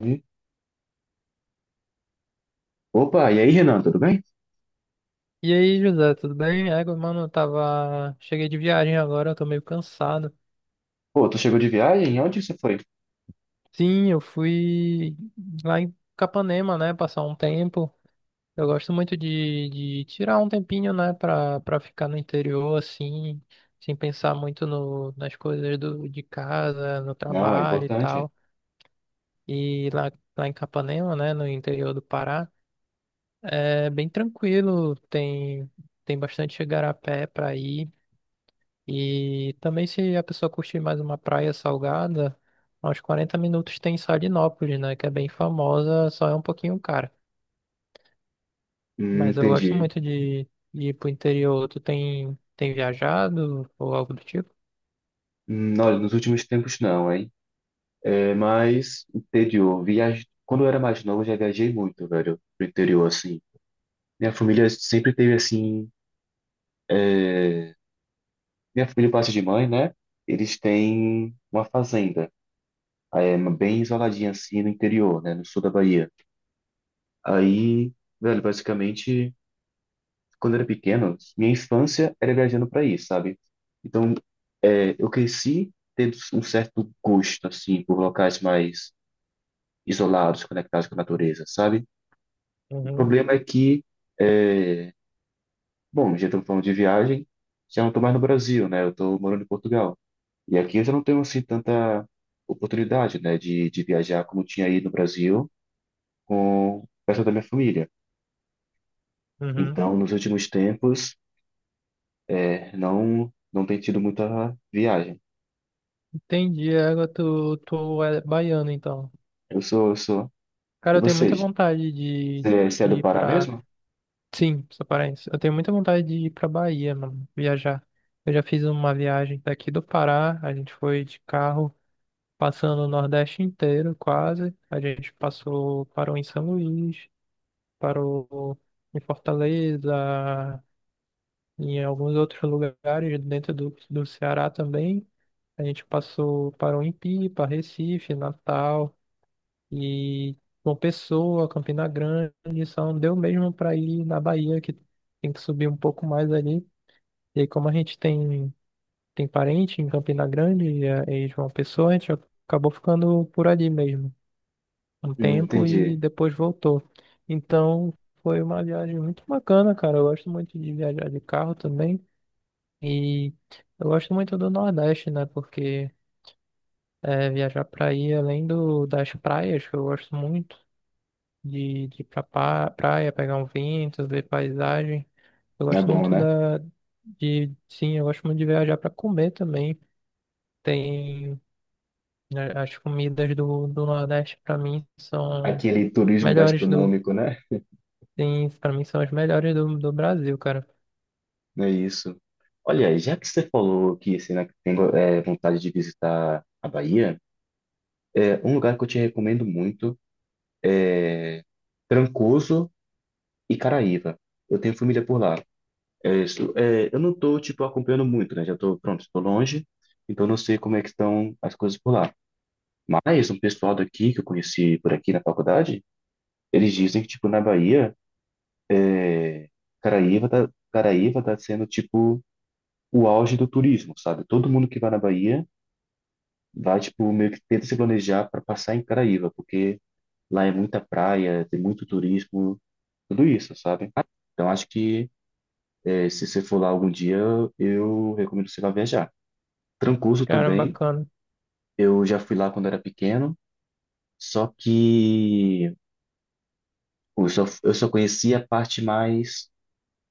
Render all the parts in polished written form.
Hum. Opa, e aí, Renan, tudo bem? E aí, José, tudo bem? Eu tava. Cheguei de viagem agora, eu tô meio cansado. Pô, tu chegou de viagem? Onde você foi? Sim, eu fui lá em Capanema, né? Passar um tempo. Eu gosto muito de tirar um tempinho, né? Pra ficar no interior, assim, sem pensar muito no, nas coisas de casa, no Não, é trabalho e importante. tal. E lá, lá em Capanema, né? No interior do Pará, é bem tranquilo, tem bastante igarapé pra ir. E também se a pessoa curtir mais uma praia salgada, a uns 40 minutos tem Salinópolis, né? Que é bem famosa, só é um pouquinho cara. Mas eu gosto Entendi. muito de ir pro interior. Tem viajado ou algo do tipo? Olha, nos últimos tempos não, hein? Mas interior, viagem... Quando eu era mais novo, eu já viajei muito, velho, pro interior, assim. Minha família sempre teve, assim... Minha família, por parte de mãe, né? Eles têm uma fazenda, bem isoladinha, assim, no interior, né? No sul da Bahia. Aí, velho, basicamente, quando eu era pequeno, minha infância era viajando pra ir, sabe? Então, Eu cresci tendo um certo gosto, assim, por locais mais isolados, conectados com a natureza, sabe? O Uhum, problema é que, é, bom, já estamos falando de viagem, já não estou mais no Brasil, né? Eu estou morando em Portugal. E aqui eu já não tenho, assim, tanta oportunidade, né, de viajar como tinha aí no Brasil com o pessoal da minha família. uhum. Então, nos últimos tempos, não tem tido muita viagem. Entendi, agora tu é baiano, então. Eu sou, eu sou. Cara, E eu tenho muita vocês? vontade Você, você é de do ir Pará pra... mesmo? Sim, sou paraense. Eu tenho muita vontade de ir pra Bahia, mano, viajar. Eu já fiz uma viagem daqui do Pará, a gente foi de carro, passando o Nordeste inteiro, quase. A gente passou, parou em São Luís, parou em Fortaleza, em alguns outros lugares dentro do Ceará também. A gente passou, parou em Pipa, Recife, Natal e João Pessoa, Campina Grande, só não deu mesmo para ir na Bahia, que tem que subir um pouco mais ali. E aí, como a gente tem parente em Campina Grande e, e João Pessoa, a gente acabou ficando por ali mesmo um tempo e Entendi. depois voltou. Então foi uma viagem muito bacana, cara. Eu gosto muito de viajar de carro também. E eu gosto muito do Nordeste, né? Porque é, viajar pra aí, além das praias, que eu gosto muito de ir pra praia, pegar um vento, ver paisagem. Eu É gosto bom, muito né? da, de, sim, eu gosto muito de viajar pra comer também. Tem, né, as comidas do Nordeste pra mim são Aquele turismo melhores. gastronômico, né? Sim, pra mim são as melhores do Brasil, cara. É isso. Olha, já que você falou que você né, que tem vontade de visitar a Bahia, é um lugar que eu te recomendo muito, Trancoso e Caraíva. Eu tenho família por lá. É isso. É, eu não tô, tipo, acompanhando muito, né? Já tô, pronto, estou longe, então não sei como é que estão as coisas por lá. Mas um pessoal daqui, que eu conheci por aqui na faculdade, eles dizem que, tipo, na Bahia, Caraíva tá sendo, tipo, o auge do turismo, sabe? Todo mundo que vai na Bahia vai, tipo, meio que tenta se planejar para passar em Caraíva, porque lá é muita praia, tem muito turismo, tudo isso, sabe? Então, acho que se você for lá algum dia, eu recomendo você vá viajar. Trancoso Cara, também, bacana. eu já fui lá quando era pequeno, só que eu só conheci a parte mais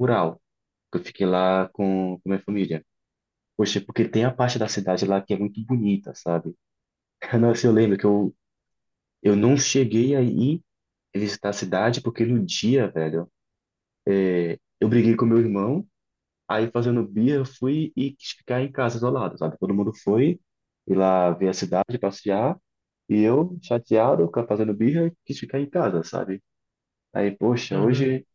rural, que eu fiquei lá com minha família. Poxa, porque tem a parte da cidade lá que é muito bonita, sabe? Nossa, eu lembro que eu não cheguei aí visitar a cidade porque no dia, velho, eu briguei com meu irmão, aí fazendo birra, eu fui e quis ficar em casa isolado, sabe? Todo mundo foi ir lá ver a cidade, passear, e eu, chateado, ficar fazendo birra, quis ficar em casa, sabe? Aí, poxa, Uhum. hoje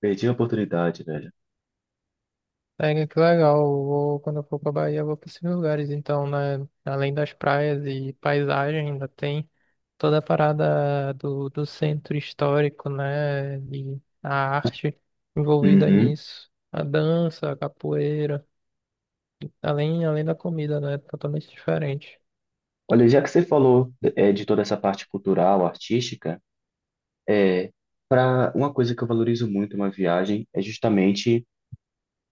perdi a oportunidade, velho. É, que legal. Eu vou, quando eu for pra Bahia, eu vou pra esses lugares. Então, né, além das praias e paisagem, ainda tem toda a parada do centro histórico, né? E a arte envolvida Uhum. nisso. A dança, a capoeira. Além da comida, né? Totalmente diferente. Olha, já que você falou de toda essa parte cultural, artística, é, para uma coisa que eu valorizo muito em uma viagem é justamente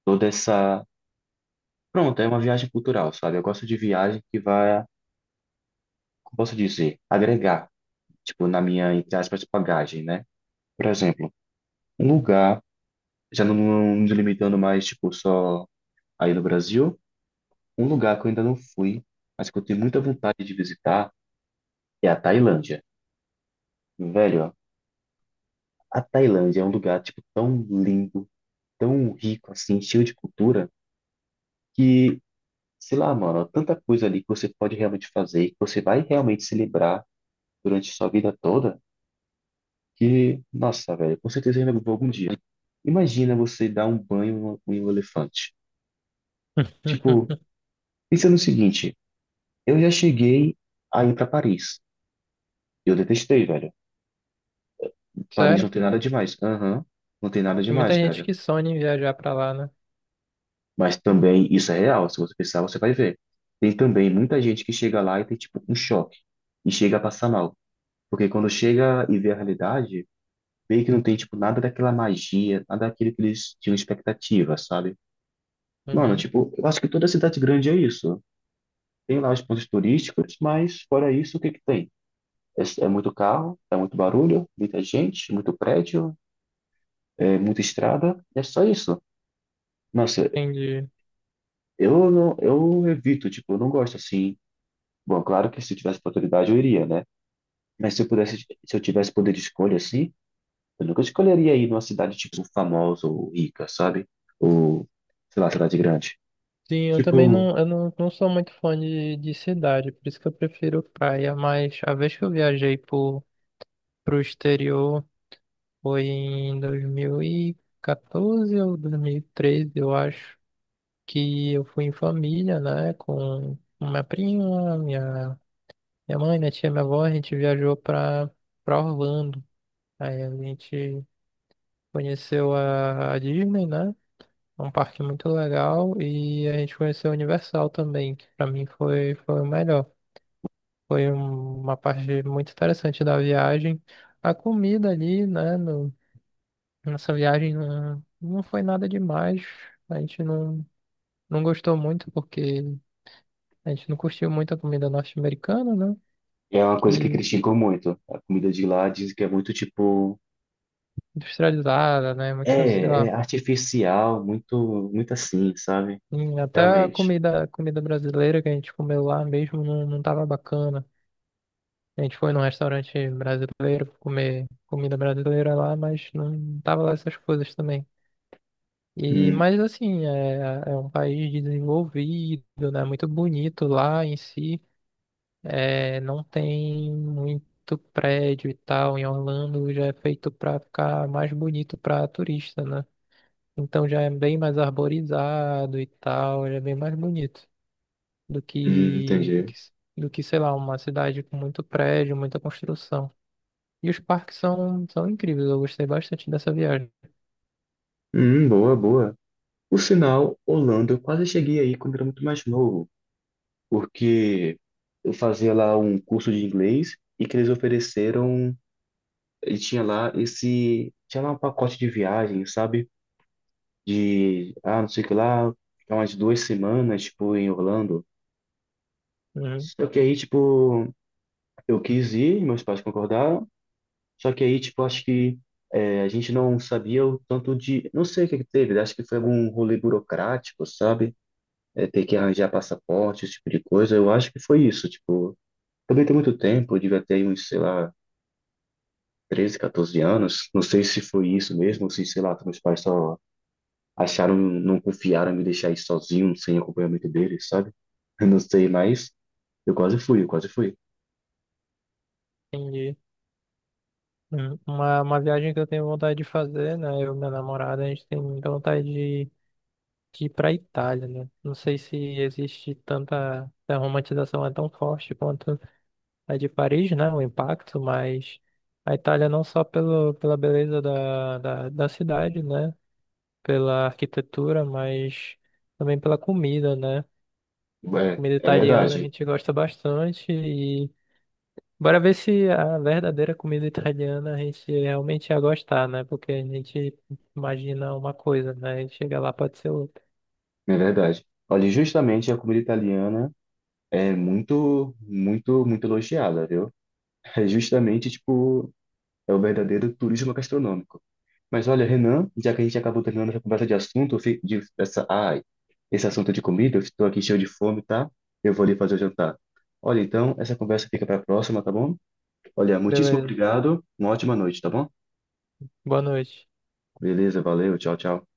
toda essa... Pronto, é uma viagem cultural, sabe? Eu gosto de viagem que vai, como posso dizer, agregar, tipo, na minha, entre aspas, bagagem, né? Por exemplo, um lugar, já não, não me limitando mais, tipo, só aí no Brasil, um lugar que eu ainda não fui, mas que eu tenho muita vontade de visitar, é a Tailândia. Velho, a Tailândia é um lugar, tipo, tão lindo, tão rico, assim, cheio de cultura, que, sei lá, mano, tanta coisa ali que você pode realmente fazer, que você vai realmente se lembrar durante sua vida toda. Que, nossa, velho, com certeza eu ainda vou algum dia. Imagina você dar um banho em um elefante. Tipo, pensa no seguinte, eu já cheguei a ir pra Paris. Eu detestei, velho. Paris Sério? não tem nada demais. Aham, não tem nada Tem muita demais, gente velho. que sonha em viajar pra lá, né? Mas também isso é real, se você pensar, você vai ver. Tem também muita gente que chega lá e tem tipo um choque e chega a passar mal, porque quando chega e vê a realidade, meio que não tem tipo nada daquela magia, nada daquilo que eles tinham expectativa, sabe? Mano, Uhum. tipo, eu acho que toda cidade grande é isso. Tem lá os pontos turísticos, mas fora isso, o que que tem? É muito carro, é muito barulho, muita gente, muito prédio, é muita estrada, é só isso. Nossa, Entendi. Eu evito, tipo, eu não gosto assim. Bom, claro que se eu tivesse oportunidade eu iria, né? Mas se eu pudesse, se eu tivesse poder de escolha assim, eu nunca escolheria ir numa cidade tipo famosa ou rica, sabe? Ou, sei lá, cidade grande. Sim, eu também Tipo, não, não sou muito fã de cidade, por isso que eu prefiro praia, mas a vez que eu viajei pro exterior foi em 2014 ou 2013, eu acho, que eu fui em família, né, com minha prima, minha mãe, minha tia, minha avó. A gente viajou pra Orlando, aí a gente conheceu a Disney, né, um parque muito legal, e a gente conheceu a Universal também, que pra mim foi o melhor. Foi uma parte muito interessante da viagem. A comida ali, né? Nossa viagem não foi nada demais. A gente não gostou muito porque a gente não curtiu muito a comida norte-americana, né? é uma coisa que Que criticam muito. A comida de lá diz que é muito tipo... industrializada, né? Muito, sei É lá. artificial, muito, muito assim, sabe? Até Realmente. A comida brasileira que a gente comeu lá mesmo não tava bacana. A gente foi num restaurante brasileiro comer comida brasileira lá, mas não tava lá essas coisas também. E, Hum, mas assim, é um país desenvolvido, né? Muito bonito lá em si. É, não tem muito prédio e tal. Em Orlando já é feito para ficar mais bonito para turista, né? Então já é bem mais arborizado e tal, já é bem mais bonito do que, do entendi. que, sei lá, uma cidade com muito prédio, muita construção. E os parques são, são incríveis, eu gostei bastante dessa viagem. Boa, boa. Por sinal, Holanda, eu quase cheguei aí quando era muito mais novo, porque eu fazia lá um curso de inglês que eles ofereceram, e tinha lá um pacote de viagem, sabe? De, ah, não sei o que lá, ficar umas duas semanas, tipo, em Orlando. Uhum, Só que aí, tipo, eu quis ir, meus pais concordaram. Só que aí, tipo, acho que a gente não sabia o tanto de... Não sei o que que teve, né? Acho que foi algum rolê burocrático, sabe? É, ter que arranjar passaporte, esse tipo de coisa. Eu acho que foi isso, tipo. Também tem muito tempo, eu devia ter uns, sei lá, 13 14 anos. Não sei se foi isso mesmo, ou se, sei lá, meus pais só acharam, não confiaram em me deixar ir sozinho, sem acompanhamento deles, sabe? Eu não sei, mas eu quase fui. entendi. Uma viagem que eu tenho vontade de fazer, né? Eu e minha namorada, a gente tem muita vontade de ir pra Itália, né? Não sei se existe tanta... A romantização é tão forte quanto a de Paris, né? O impacto, mas a Itália não só pela beleza da cidade, né? Pela arquitetura, mas também pela comida, né? É, Comida é italiana a verdade, gente gosta bastante. Bora ver se a verdadeira comida italiana a gente realmente ia gostar, né? Porque a gente imagina uma coisa, né? E chega lá, pode ser outra. é verdade. Olha, justamente a comida italiana. É muito, muito, muito elogiada, viu? É justamente, tipo, é o verdadeiro turismo gastronômico. Mas olha, Renan, já que a gente acabou terminando essa conversa de assunto, eu fi- de essa, ai, esse assunto de comida, eu estou aqui cheio de fome, tá? Eu vou ali fazer o jantar. Olha, então, essa conversa fica para a próxima, tá bom? Olha, muitíssimo Beleza. obrigado, uma ótima noite, tá bom? Boa noite. Beleza, valeu, tchau, tchau.